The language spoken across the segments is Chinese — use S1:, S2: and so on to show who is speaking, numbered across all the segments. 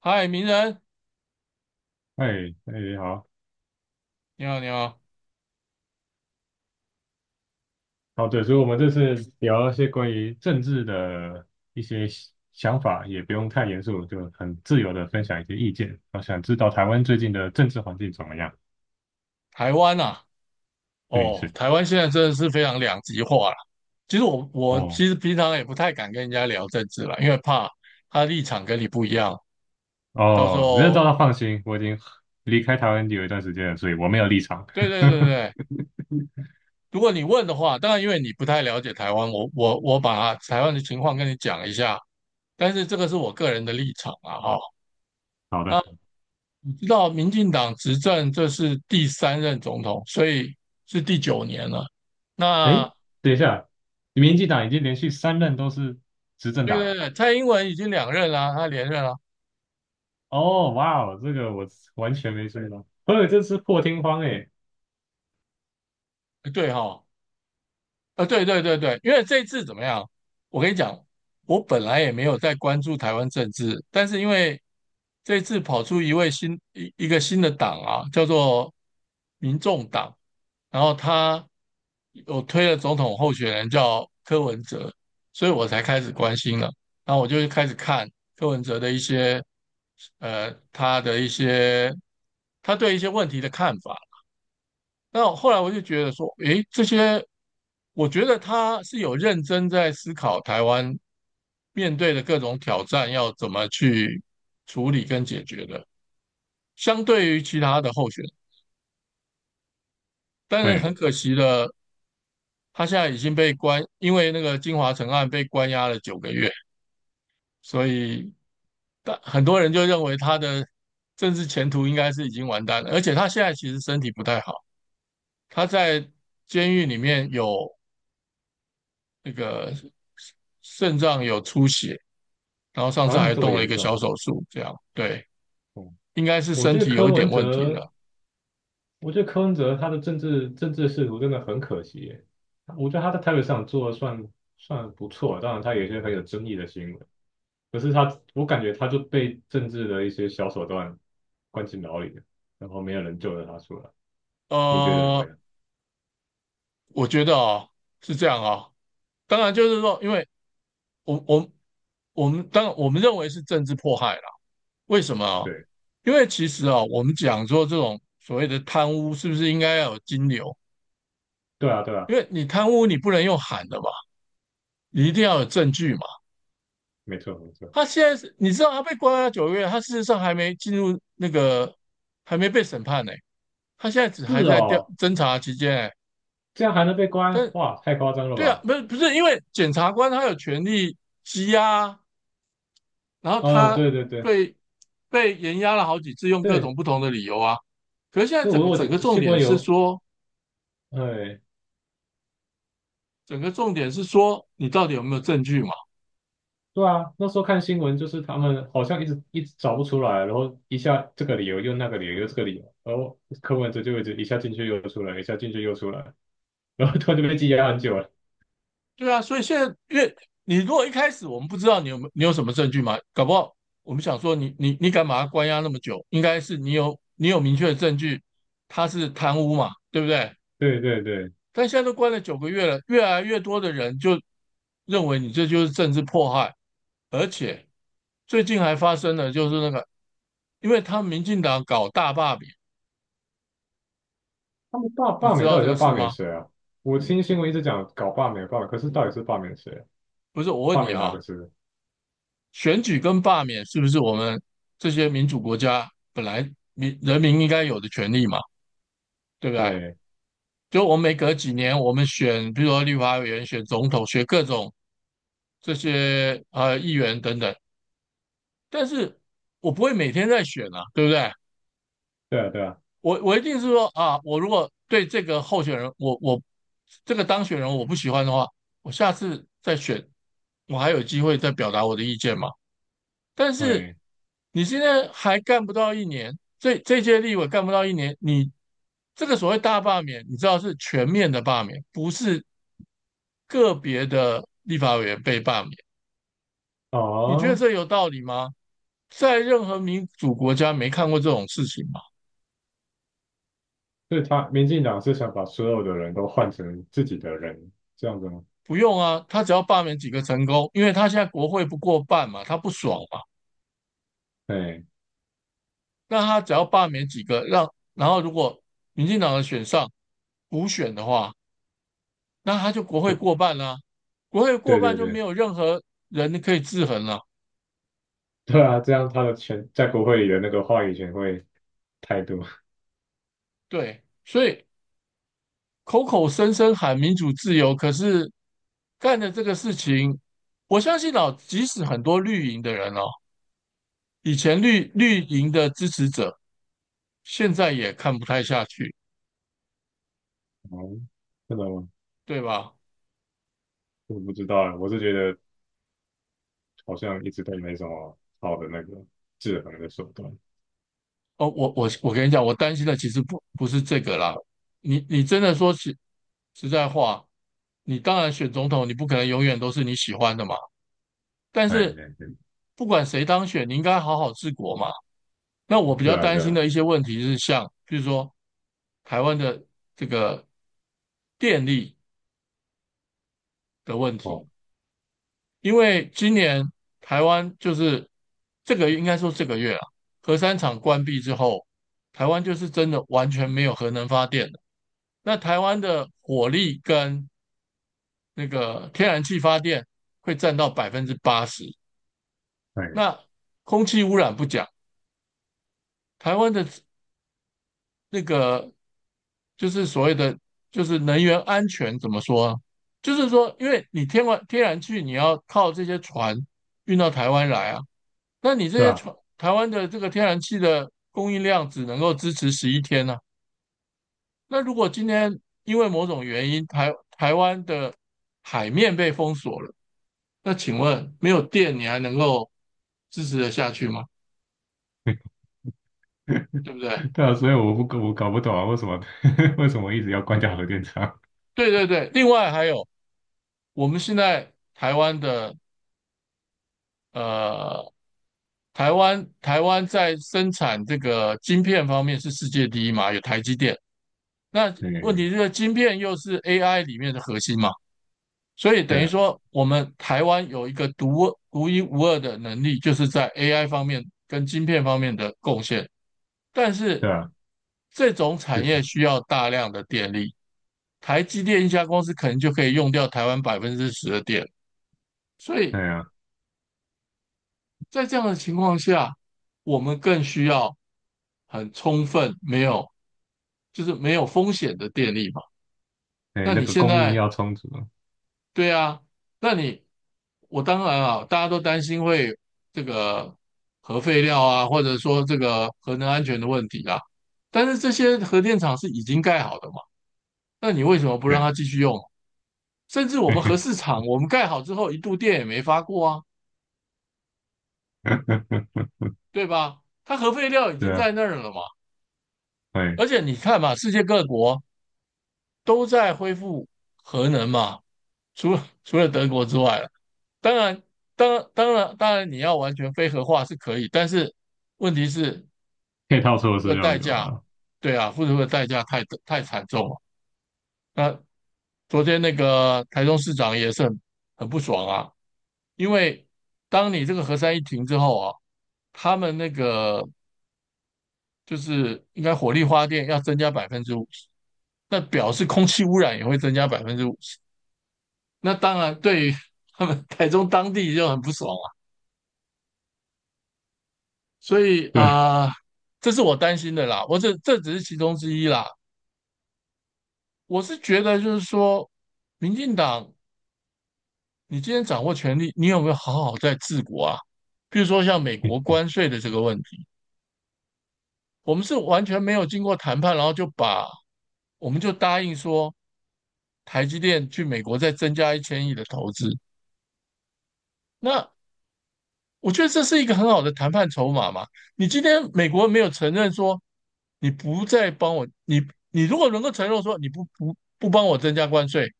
S1: 嗨，名人，
S2: 哎哎，好
S1: 你好，你好。
S2: 哦对，所以我们这次聊一些关于政治的一些想法，也不用太严肃，就很自由的分享一些意见。我想知道台湾最近的政治环境怎么样？
S1: 台湾啊，
S2: 对，
S1: 哦，
S2: 是
S1: 台湾现在真的是非常两极化了。其实我
S2: 哦
S1: 其实平常也不太敢跟人家聊政治了，因为怕他立场跟你不一样，到时
S2: 哦，没有遭
S1: 候，
S2: 到放心，我已经离开台湾有一段时间了，所以我没有立场。
S1: 对对对 对。如果你问的话，当然因为你不太了解台湾，我把台湾的情况跟你讲一下，但是这个是我个人的立场啊，哈。
S2: 好
S1: 那
S2: 的，
S1: 你知道民进党执政这是第三任总统，所以是第九年了。
S2: 哎，
S1: 那
S2: 等一下，民进党已经连续三任都是执政
S1: 对
S2: 党
S1: 对
S2: 了。
S1: 对，蔡英文已经两任了，他连任了。
S2: 哦，哇哦，这个我完全没注意到，所以这是破天荒哎。
S1: 对哈，啊，对对对对。因为这次怎么样？我跟你讲，我本来也没有在关注台湾政治，但是因为这次跑出一位一个新的党啊，叫做民众党，然后他有推了总统候选人叫柯文哲，所以我才开始关心了。然后我就开始看柯文哲的一些，他的一些他对一些问题的看法。那我后来我就觉得说，诶，这些，我觉得他是有认真在思考台湾面对的各种挑战要怎么去处理跟解决的，相对于其他的候选人。但是
S2: 对，
S1: 很可惜的，他现在已经被关，因为那个金华城案被关押了九个月，所以但很多人就认为他的政治前途应该是已经完蛋了，而且他现在其实身体不太好，他在监狱里面有那个肾脏有出血，然后上次
S2: 啊，
S1: 还
S2: 这么
S1: 动了一
S2: 严
S1: 个小
S2: 重。
S1: 手术，这样对，
S2: 嗯，
S1: 应该是
S2: 我
S1: 身
S2: 觉得
S1: 体有
S2: 柯
S1: 一点
S2: 文
S1: 问题
S2: 哲，
S1: 了。
S2: 我觉得柯文哲他的政治仕途真的很可惜耶。我觉得他在台北市长做的算不错，当然他有一些很有争议的新闻，可是他我感觉他就被政治的一些小手段关进牢里了，然后没有人救得他出来。你觉得怎么
S1: 呃，
S2: 样？
S1: 我觉得哦是这样哦，当然就是说，因为我我我们当我们认为是政治迫害啦，为什么啊？
S2: 对，
S1: 因为其实啊，我们讲说这种所谓的贪污，是不是应该要有金流？
S2: 对啊，对啊，
S1: 因为你贪污，你不能用喊的嘛，你一定要有证据嘛。
S2: 没错，没错。
S1: 他现在是，你知道他被关押九个月，他事实上还没进入那个，还没被审判呢。他现在只还
S2: 是
S1: 在调
S2: 哦，
S1: 侦查期间，欸，
S2: 这样还能被关？
S1: 但
S2: 哇，太夸张了
S1: 对啊，
S2: 吧！
S1: 不是不是，因为检察官他有权利羁押啊，然后
S2: 嗯，
S1: 他
S2: 对对对
S1: 被被延押了好几次，用各
S2: 对
S1: 种不同的理由啊。可是现在
S2: 对，
S1: 整个
S2: 我
S1: 整个重
S2: 新
S1: 点
S2: 闻
S1: 是
S2: 有，
S1: 说，
S2: 哎。
S1: 整个重点是说你到底有没有证据嘛？
S2: 对啊，那时候看新闻就是他们好像一直一直找不出来，然后一下这个理由又那个理由又这个理由，然后柯文哲就一直一下进去又出来，一下进去又出来，然后突然就被羁押很久了。
S1: 对啊，所以现在越你如果一开始我们不知道你有没有你有什么证据嘛，搞不好我们想说你敢把他关押那么久，应该是你有明确的证据他是贪污嘛，对不对？
S2: 对对对，
S1: 但现在都关了九个月了，越来越多的人就认为你这就是政治迫害，而且最近还发生了就是那个，因为他们民进党搞大罢免，
S2: 他们罢
S1: 你
S2: 罢
S1: 知
S2: 免
S1: 道
S2: 到
S1: 这
S2: 底在
S1: 个
S2: 罢
S1: 事
S2: 免
S1: 吗？
S2: 谁啊？我听新闻一直讲搞罢免，可是到底是罢免谁啊？
S1: 不是，我问
S2: 罢
S1: 你
S2: 免哪
S1: 啊，
S2: 个是？
S1: 选举跟罢免是不是我们这些民主国家本来人民应该有的权利嘛？对不对？
S2: 对
S1: 就我们每隔几年我们选，比如说立法委员、选总统、选各种这些议员等等，但是我不会每天在选啊，对不对？
S2: 对啊对啊，
S1: 我一定是说啊，我如果对这个候选人，我这个当选人我不喜欢的话，我下次再选，我还有机会再表达我的意见嘛。但是
S2: 对
S1: 你现在还干不到一年，这届立委干不到一年，你这个所谓大罢免，你知道是全面的罢免，不是个别的立法委员被罢免。你觉得
S2: 哦，
S1: 这有道理吗？在任何民主国家没看过这种事情吗？
S2: 所以他民进党是想把所有的人都换成自己的人，这样子吗？
S1: 不用啊，他只要罢免几个成功，因为他现在国会不过半嘛，他不爽嘛，
S2: 对，
S1: 那他只要罢免几个，让然后如果民进党的选上补选的话，那他就国会
S2: 就
S1: 过半啦，啊国会过
S2: 对
S1: 半
S2: 对
S1: 就没
S2: 对。
S1: 有任何人可以制衡了，啊
S2: 对啊，这样他的权在国会里的那个话语权会太多。
S1: 对，所以口口声声喊民主自由，可是干的这个事情，我相信哦，即使很多绿营的人哦，以前绿营的支持者，现在也看不太下去，
S2: 哦，真的吗？
S1: 对吧？
S2: 我不知道啊，我是觉得好像一直都没什么好的那个制衡的手段。
S1: 哦，我我跟你讲，我担心的其实不是这个啦。你你真的说实在话，你当然选总统，你不可能永远都是你喜欢的嘛。但
S2: 哎，
S1: 是
S2: 对对
S1: 不管谁当选，你应该好好治国嘛。那我比
S2: 对
S1: 较
S2: 啊，
S1: 担
S2: 对
S1: 心
S2: 啊，
S1: 的一些问题是像，比如说台湾的这个电力的问题，
S2: 哦，
S1: 因为今年台湾就是这个应该说这个月啊，核三厂关闭之后，台湾就是真的完全没有核能发电。那台湾的火力跟那个天然气发电会占到80%。
S2: 哎，
S1: 那空气污染不讲，台湾的那个就是所谓的就是能源安全怎么说啊？就是说，因为你天然气你要靠这些船运到台湾来啊，那你这
S2: 对
S1: 些
S2: 啊，
S1: 船台湾的这个天然气的供应量只能够支持11天呢，那如果今天因为某种原因，台湾的海面被封锁了，那请问没有电你还能够支持得下去吗？对不对？
S2: 对啊，所以我搞不懂啊，为什么 为什么一直要关掉核电厂？
S1: 对对对。另外还有，我们现在台湾的呃，台湾在生产这个晶片方面是世界第一嘛，有台积电。那
S2: 对
S1: 问
S2: 对
S1: 题是晶片又是 AI 里面的核心嘛，所以等
S2: 对
S1: 于
S2: 啊，
S1: 说我们台湾有一个独一无二的能力，就是在 AI 方面跟晶片方面的贡献。但是
S2: 对啊，
S1: 这种产
S2: 就
S1: 业
S2: 是
S1: 需要大量的电力，台积电一家公司可能就可以用掉台湾10%的电，所
S2: 哎
S1: 以
S2: 呀，
S1: 在这样的情况下，我们更需要很充分、没有就是没有风险的电力嘛。
S2: 哎，
S1: 那
S2: 那
S1: 你
S2: 个
S1: 现
S2: 供应
S1: 在
S2: 要充足啊，
S1: 对啊，那你我当然啊，大家都担心会这个核废料啊，或者说这个核能安全的问题啊，但是这些核电厂是已经盖好的嘛。那你为什么不让
S2: 对，
S1: 它继续用？甚至 我
S2: 嘿
S1: 们核
S2: 嘿，
S1: 市场，我们盖好之后一度电也没发过啊，对吧？它核废料已
S2: 对
S1: 经
S2: 啊，
S1: 在那儿了嘛。
S2: 哎，
S1: 而且你看嘛，世界各国都在恢复核能嘛，除了德国之外了当然，当然当然你要完全非核化是可以，但是问题是
S2: 配套措
S1: 这个
S2: 施要
S1: 代
S2: 有
S1: 价，
S2: 啊，
S1: 对啊，付出的代价太惨重了。那昨天那个台中市长也是很很不爽啊，因为当你这个核三一停之后啊，他们那个就是应该火力发电要增加百分之五十，那表示空气污染也会增加百分之五十。那当然对于他们台中当地就很不爽啊，所以
S2: 对啊，
S1: 啊，这是我担心的啦。我这只是其中之一啦。我是觉得就是说，民进党你今天掌握权力，你有没有好好在治国啊？比如说像美国关税的这个问题，我们是完全没有经过谈判，然后就把我们就答应说台积电去美国再增加1000亿的投资。那我觉得这是一个很好的谈判筹码嘛。你今天美国没有承认说你不再帮我，你你如果能够承诺说你不帮我增加关税，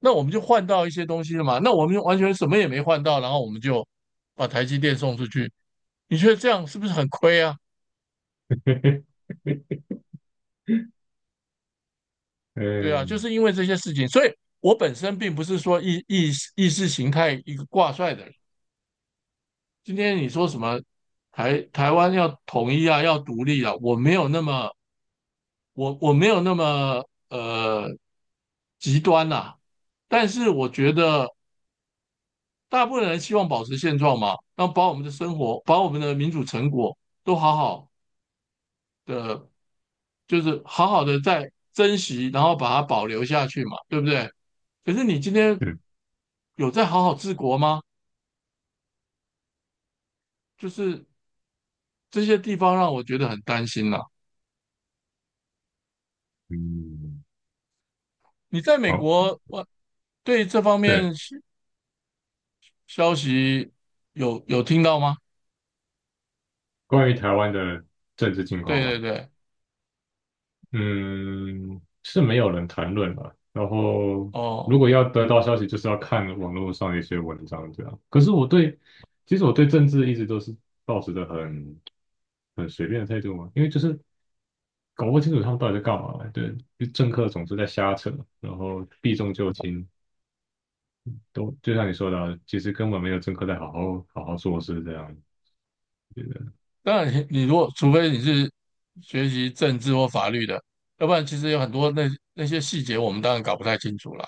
S1: 那我们就换到一些东西了嘛。那我们就完全什么也没换到，然后我们就把台积电送出去，你觉得这样是不是很亏啊？
S2: 嘿嘿，
S1: 对啊，就是因为这些事情，所以我本身并不是说意识形态一个挂帅的人。今天你说什么台湾要统一啊，要独立啊，我没有那么我没有那么呃极端呐，但是我觉得大部分人希望保持现状嘛，那把我们的生活，把我们的民主成果都好好的，就是好好的在珍惜，然后把它保留下去嘛，对不对？可是你今天
S2: 对
S1: 有在好好治国吗？就是这些地方让我觉得很担心啦。
S2: 嗯，
S1: 你在美
S2: 好，
S1: 国，我对这方
S2: 对，
S1: 面消息有听到吗？
S2: 关于台湾的政治情
S1: 对
S2: 况嘛，
S1: 对对，
S2: 嗯，是没有人谈论了。然后，如
S1: 哦，
S2: 果要得到消息，就是要看网络上的一些文章这样。可是我对，其实我对政治一直都是抱持着很随便的态度嘛，因为就是搞不清楚他们到底在干嘛。对，就政客总是在瞎扯，然后避重就轻，都就像你说的啊其实根本没有政客在好好做事这样。觉得。
S1: 当然你，你如果除非你是学习政治或法律的，要不然其实有很多那那些细节我们当然搞不太清楚啦。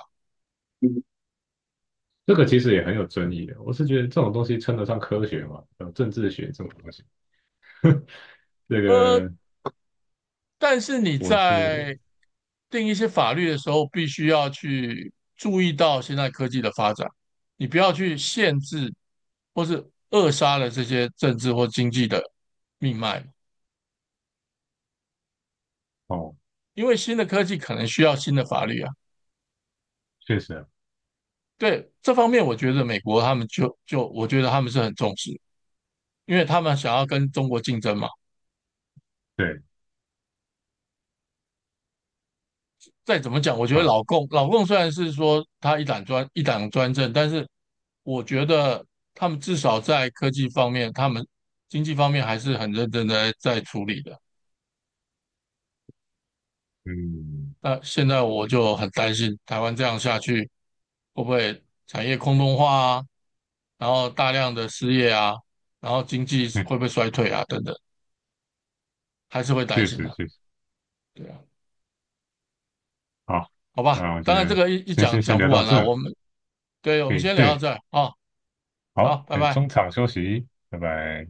S2: 这个其实也很有争议的。我是觉得这种东西称得上科学吗？有政治学这种东西，这
S1: 呃，
S2: 个
S1: 但是你
S2: 我是
S1: 在定一些法律的时候，必须要去注意到现在科技的发展，你不要去限制或是扼杀了这些政治或经济的命脉，
S2: 哦，
S1: 因为新的科技可能需要新的法律啊。
S2: 确实啊
S1: 对，这方面我觉得美国他们就我觉得他们是很重视，因为他们想要跟中国竞争嘛。
S2: 对，
S1: 再怎么讲，我觉得
S2: 好，
S1: 老共虽然是说他一党专政，但是我觉得他们至少在科技方面，他们经济方面还是很认真的在处理的。
S2: 嗯
S1: 那现在我就很担心，台湾这样下去会不会产业空洞化啊，然后大量的失业啊，然后经济
S2: 嗯，
S1: 会不会衰退啊，等等，还是会担
S2: 确
S1: 心
S2: 实
S1: 啊。
S2: 确实
S1: 对啊，
S2: 好。
S1: 好吧，
S2: 那我
S1: 当
S2: 觉
S1: 然这
S2: 得
S1: 个一
S2: 先
S1: 讲
S2: 先先
S1: 讲不
S2: 聊到
S1: 完了，
S2: 这，
S1: 我们对我
S2: 可
S1: 们
S2: 以
S1: 先聊到
S2: 对，
S1: 这儿啊，好，
S2: 好，
S1: 拜
S2: 先
S1: 拜。
S2: 中场休息，拜拜。